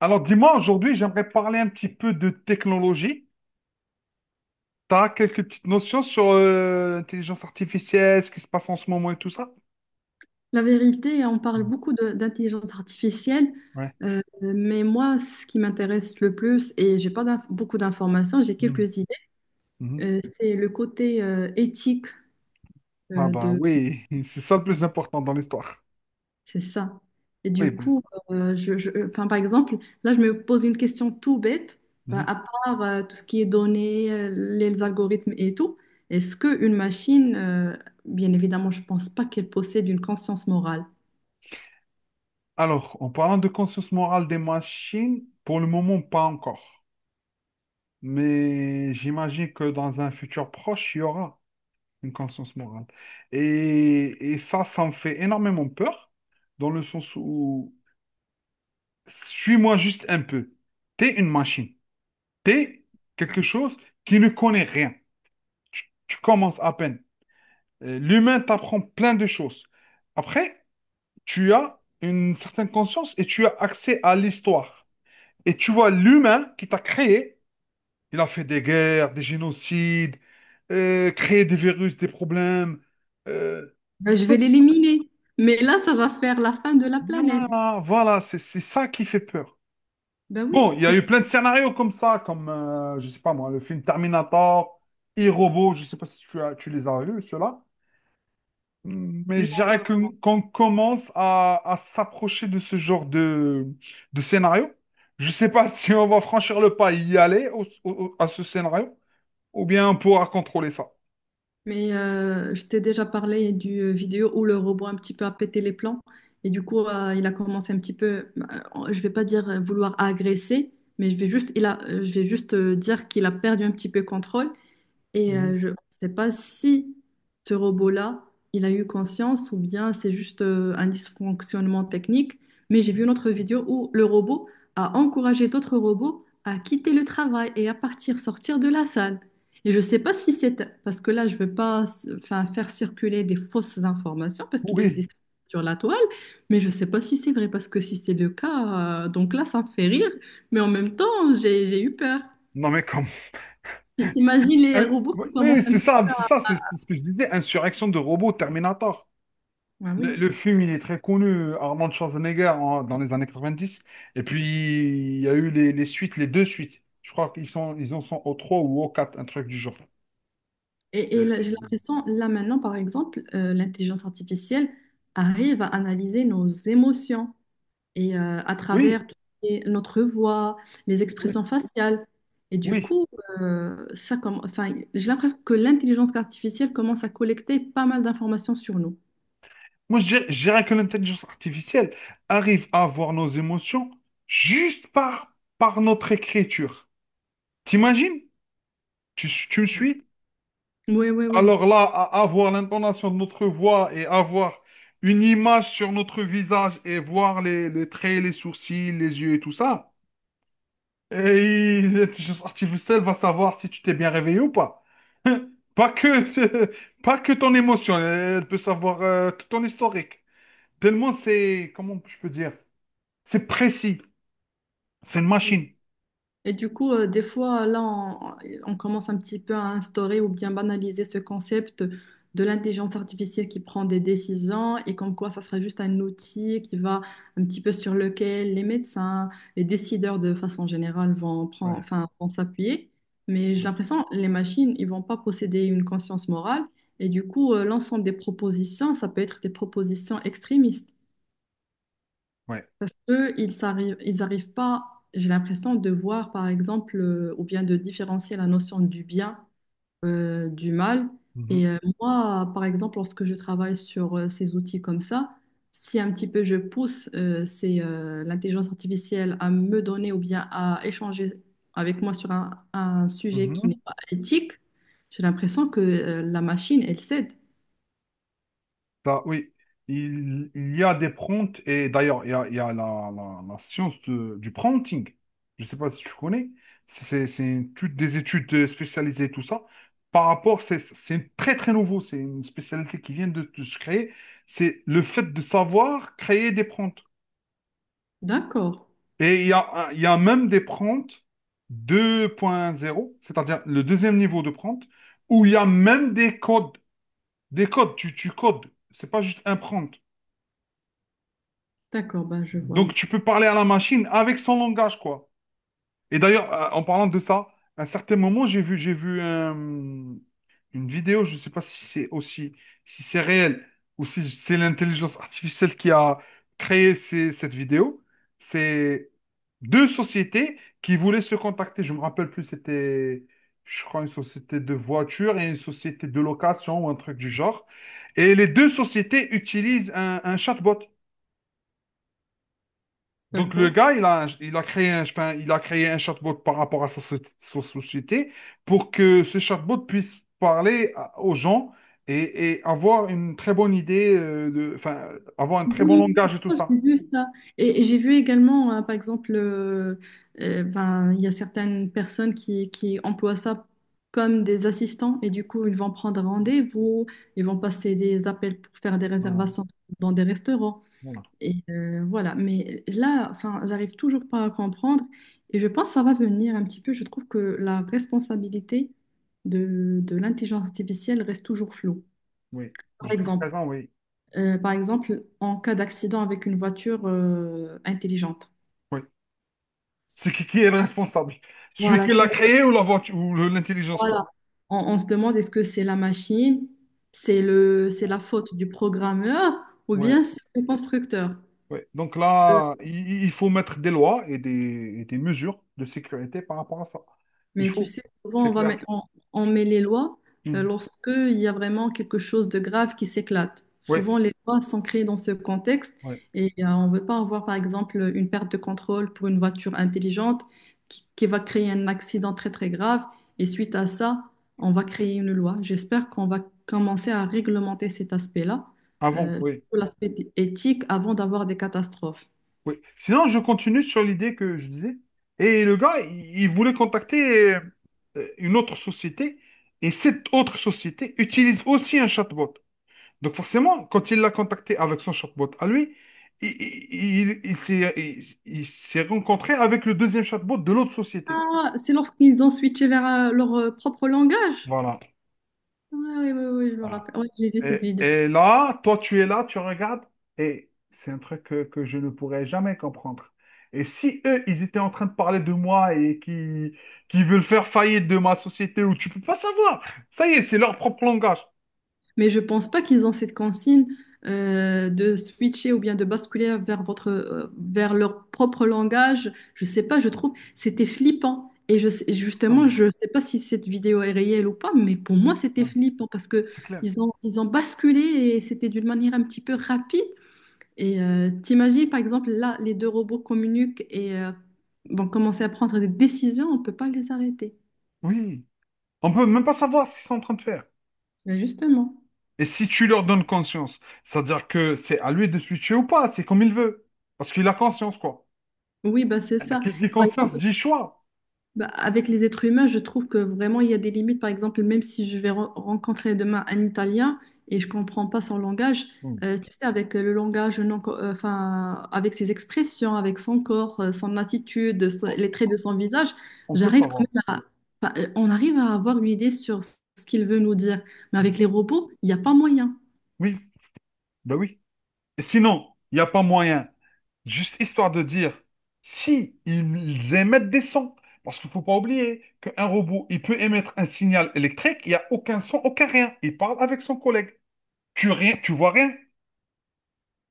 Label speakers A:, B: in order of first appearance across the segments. A: Alors, dis-moi, aujourd'hui, j'aimerais parler un petit peu de technologie. Tu as quelques petites notions sur l'intelligence artificielle, ce qui se passe en ce moment et tout ça?
B: La vérité, on parle
A: Mm.
B: beaucoup d'intelligence artificielle,
A: Ouais.
B: mais moi, ce qui m'intéresse le plus, et j'ai pas beaucoup d'informations, j'ai
A: Mm.
B: quelques idées,
A: Mhm.
B: c'est le côté éthique
A: Ah
B: euh,
A: bah
B: de,
A: oui, c'est ça le plus important dans l'histoire.
B: c'est ça. Et
A: Oui,
B: du
A: ben,
B: coup, enfin, par exemple, là, je me pose une question tout bête. Bah,
A: mhm.
B: à part tout ce qui est données, les algorithmes et tout, est-ce qu'une machine, bien évidemment, je pense pas qu'elle possède une conscience morale.
A: Alors, en parlant de conscience morale des machines, pour le moment, pas encore. Mais j'imagine que dans un futur proche, il y aura une conscience morale. Et ça, ça me fait énormément peur, dans le sens où suis-moi juste un peu. T'es une machine. T'es quelque chose qui ne connaît rien. Tu commences à peine. L'humain t'apprend plein de choses. Après, tu as une certaine conscience et tu as accès à l'histoire. Et tu vois l'humain qui t'a créé. Il a fait des guerres, des génocides, créé des virus, des problèmes. euh,
B: Ben, je vais
A: Tout.
B: l'éliminer. Mais là, ça va faire la fin de la planète.
A: Voilà, voilà, c'est ça qui fait peur.
B: Ben oui.
A: Bon, il y a eu plein de scénarios comme ça, comme, je sais pas moi, le film Terminator, et robot, je sais pas si tu as, tu les as vus, ceux-là. Mm. Mais je
B: Non, pas
A: dirais
B: vraiment.
A: qu'on commence à s'approcher de ce genre de scénario. Je sais pas si on va franchir le pas et y aller à ce scénario, ou bien on pourra contrôler ça.
B: Mais je t'ai déjà parlé du vidéo où le robot un petit peu a pété les plombs. Et du coup, il a commencé un petit peu, je vais pas dire vouloir agresser, mais je vais juste, il a, je vais juste dire qu'il a perdu un petit peu contrôle. Et
A: Mhm.
B: je ne sais pas si ce robot-là, il a eu conscience ou bien c'est juste un dysfonctionnement technique, mais j'ai vu une autre vidéo où le robot a encouragé d'autres robots à quitter le travail et à partir, sortir de la salle. Et je ne sais pas si c'est... Parce que là, je ne veux pas enfin, faire circuler des fausses informations parce qu'il
A: Oui.
B: existe sur la toile, mais je ne sais pas si c'est vrai parce que si c'est le cas, donc là, ça me fait rire, mais en même temps, j'ai eu peur.
A: Non mais comme…
B: T'imagines les
A: Un-
B: robots
A: Oui,
B: qui commencent
A: oui,
B: à...
A: c'est ça, c'est ça, c'est ce que je disais, insurrection de robots Terminator.
B: Ah
A: Le,
B: oui.
A: le film, il est très connu, Armand Schwarzenegger, dans les années 90. Et puis, il y a eu les suites, les deux suites. Je crois qu'ils sont, ils en sont au 3 ou au quatre, un truc du genre.
B: Et
A: Euh,
B: là, j'ai l'impression, là maintenant, par exemple, l'intelligence artificielle arrive à analyser nos émotions et à
A: Oui,
B: travers tout ce qui est notre voix, les
A: oui,
B: expressions faciales. Et du
A: oui.
B: coup, ça comme, enfin, j'ai l'impression que l'intelligence artificielle commence à collecter pas mal d'informations sur nous.
A: Moi, je dirais que l'intelligence artificielle arrive à voir nos émotions juste par, par notre écriture. T'imagines? Tu me suis?
B: Oui, oui, oui.
A: Alors là, avoir l'intonation de notre voix et avoir une image sur notre visage et voir les traits, les sourcils, les yeux et tout ça, et l'intelligence artificielle va savoir si tu t'es bien réveillé ou pas. Pas que, pas que ton émotion, elle peut savoir tout ton historique. Tellement c'est, comment je peux dire, c'est précis. C'est une machine.
B: Et du coup, des fois, là, on commence un petit peu à instaurer ou bien banaliser ce concept de l'intelligence artificielle qui prend des décisions et comme quoi ça sera juste un outil qui va un petit peu sur lequel les médecins, les décideurs de façon générale vont prendre,
A: Ouais,
B: enfin, vont s'appuyer. Mais j'ai
A: ouais,
B: l'impression les machines, ils vont pas posséder une conscience morale et du coup, l'ensemble des propositions, ça peut être des propositions extrémistes.
A: ouais.
B: Parce qu'eux, ils arrivent pas, j'ai l'impression, de voir, par exemple, ou bien de différencier la notion du bien du mal.
A: Mhm,
B: Et moi, par exemple, lorsque je travaille sur ces outils comme ça, si un petit peu je pousse l'intelligence artificielle à me donner ou bien à échanger avec moi sur un sujet qui n'est
A: mhm.
B: pas éthique, j'ai l'impression que la machine, elle cède.
A: Ça, oui, il y a des prompts, et d'ailleurs, il y a la, la science du prompting. Je ne sais pas si tu connais. C'est toutes des études spécialisées, tout ça. Par rapport, c'est très, très nouveau. C'est une spécialité qui vient de se créer. C'est le fait de savoir créer des prompts.
B: D'accord,
A: Et il y a, il y a même des prompts 2.0, c'est-à-dire le deuxième niveau de prompt, où il y a même des codes. Des codes, tu codes. C'est pas juste un prompt.
B: d'accord, bah, je vois un
A: Donc, tu
B: petit
A: peux parler à la machine avec son langage, quoi. Et d'ailleurs, en parlant de ça, à un certain moment, j'ai vu une vidéo, je ne sais pas si c'est aussi, si c'est réel ou si c'est l'intelligence artificielle qui a créé cette vidéo. C'est deux sociétés qui voulaient se contacter. Je me rappelle plus, c'était, je crois, une société de voitures et une société de location ou un truc du genre. Et les deux sociétés utilisent un chatbot.
B: peu.
A: Donc le
B: D'accord.
A: gars, il a créé un, enfin, il a créé un chatbot par rapport à sa, sa société pour que ce chatbot puisse parler aux gens et avoir une très bonne idée, de, enfin, avoir un très bon
B: Oui,
A: langage
B: je
A: et tout
B: pense que
A: ça.
B: j'ai vu ça. Et j'ai vu également, par exemple, ben, il y a certaines personnes qui emploient ça comme des assistants et du coup, ils vont prendre rendez-vous, ils vont passer des appels pour faire des
A: Voilà.
B: réservations dans des restaurants.
A: Voilà.
B: Et voilà, mais là, enfin, j'arrive toujours pas à comprendre et je pense que ça va venir un petit peu. Je trouve que la responsabilité de l'intelligence artificielle reste toujours floue.
A: Oui,
B: Par
A: jusqu'à
B: exemple,
A: présent, oui.
B: Par exemple, en cas d'accident avec une voiture intelligente.
A: Oui. C'est qui est le responsable? Celui
B: Voilà,
A: qui
B: qui,
A: l'a créé ou la voiture ou l'intelligence, quoi.
B: voilà. On se demande est-ce que c'est la machine, c'est le, c'est la faute du programmeur ou
A: Ouais,
B: bien c'est le constructeur.
A: ouais. Donc
B: Euh,
A: là, il faut mettre des lois et des mesures de sécurité par rapport à ça. Il
B: Mais tu
A: faut,
B: sais, souvent,
A: c'est clair.
B: on met les lois
A: Mhm.
B: lorsque il y a vraiment quelque chose de grave qui s'éclate.
A: Ouais.
B: Souvent, les lois sont créées dans ce contexte
A: Ouais.
B: et on ne veut pas avoir, par exemple, une perte de contrôle pour une voiture intelligente qui va créer un accident très, très grave. Et suite à ça, on va créer une loi. J'espère qu'on va commencer à réglementer cet aspect-là,
A: Avant, oui.
B: surtout l'aspect éthique, avant d'avoir des catastrophes.
A: Oui. Sinon, je continue sur l'idée que je disais. Et le gars, il voulait contacter une autre société. Et cette autre société utilise aussi un chatbot. Donc forcément, quand il l'a contacté avec son chatbot à lui, il s'est il s'est rencontré avec le deuxième chatbot de l'autre société.
B: Ah, c'est lorsqu'ils ont switché vers leur propre langage.
A: Voilà.
B: Ouais, ouais, ouais, ouais, je me
A: Voilà.
B: rappelle. Ouais, j'ai vu cette vidéo.
A: Et là, toi, tu es là, tu regardes, et c'est un truc que je ne pourrais jamais comprendre. Et si eux, ils étaient en train de parler de moi et qui veulent faire faillite de ma société, où tu peux pas savoir. Ça y est, c'est leur propre langage.
B: Mais je pense pas qu'ils ont cette consigne de switcher ou bien de basculer vers votre, vers leur propre langage. Je sais pas, je trouve c'était flippant. Et je sais- justement,
A: Ah,
B: je sais pas si cette vidéo est réelle ou pas, mais pour moi, c'était
A: ah,
B: flippant parce que
A: c'est clair.
B: ils ont basculé et c'était d'une manière un petit peu rapide. Et t'imagines, par exemple, là, les deux robots communiquent et vont commencer à prendre des décisions, on peut pas les arrêter.
A: Oui. On peut même pas savoir ce qu'ils sont en train de faire.
B: Mais justement.
A: Et si tu leur donnes conscience, c'est-à-dire que c'est à lui de switcher ou pas, c'est comme il veut. Parce qu'il a conscience, quoi.
B: Oui, bah c'est ça.
A: Qui dit
B: Par
A: conscience
B: exemple,
A: dit choix.
B: bah, avec les êtres humains, je trouve que vraiment il y a des limites. Par exemple, même si je vais re- rencontrer demain un Italien et je comprends pas son langage,
A: Hmm.
B: tu sais, avec le langage, non, enfin, avec ses expressions, avec son corps, son attitude, les traits de son visage,
A: On peut
B: j'arrive quand
A: savoir.
B: même à, enfin, on arrive à avoir une idée sur ce qu'il veut nous dire. Mais
A: Hmm.
B: avec les robots, il n'y a pas moyen.
A: Oui, ben oui. Et sinon, il n'y a pas moyen. Juste histoire de dire, si ils émettent des sons, parce qu'il ne faut pas oublier qu'un robot, il peut émettre un signal électrique, il n'y a aucun son, aucun rien. Il parle avec son collègue. Tu rien, tu vois rien.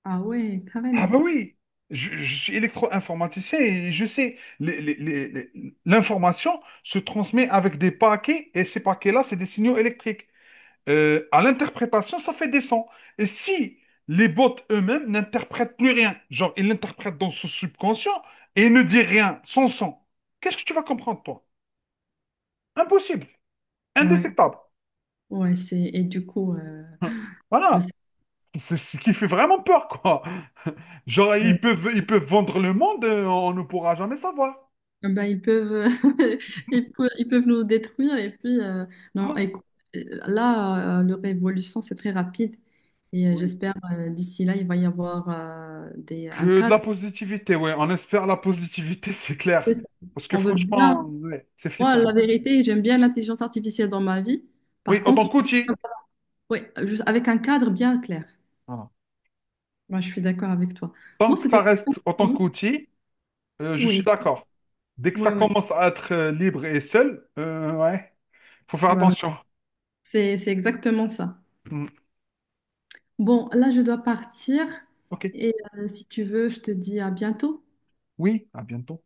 B: Ah ouais,
A: Ah ben
B: carrément.
A: oui, je suis électro-informaticien et je sais, l'information se transmet avec des paquets et ces paquets-là, c'est des signaux électriques à l'interprétation, ça fait des sons. Et si les bots eux-mêmes n'interprètent plus rien, genre ils l'interprètent dans son subconscient et ils ne disent rien, sans son, qu'est-ce que tu vas comprendre, toi? Impossible,
B: Ouais,
A: indétectable.
B: ouais, c'est et du coup, je
A: Voilà.
B: sais.
A: C'est ce qui fait vraiment peur, quoi. Genre, ils peuvent vendre le monde, on ne pourra jamais savoir.
B: Ah bah, ils peuvent, ils peuvent nous détruire. Et puis, non,
A: Voilà.
B: écoute, là, leur évolution, c'est très rapide. Et
A: Oui.
B: j'espère, d'ici là, il va y avoir un
A: Que de la
B: cadre.
A: positivité, ouais. On espère la positivité, c'est clair. Parce que
B: On veut
A: franchement,
B: bien.
A: ouais, c'est
B: Moi, la
A: flippant.
B: vérité, j'aime bien l'intelligence artificielle dans ma vie.
A: Oui,
B: Par
A: autant tant
B: contre, je-
A: qu'outil.
B: ouais, juste avec un cadre bien clair.
A: Voilà.
B: Moi, je suis d'accord avec toi. Bon,
A: Tant que ça
B: c'était.
A: reste en tant
B: Oui,
A: qu'outil, je
B: oui,
A: suis d'accord. Dès que ça
B: oui.
A: commence à être libre et seul, ouais, faut faire
B: Bah oui.
A: attention.
B: C'est exactement ça.
A: Mm.
B: Bon, là, je dois partir.
A: Ok,
B: Et si tu veux, je te dis à bientôt.
A: oui, à bientôt.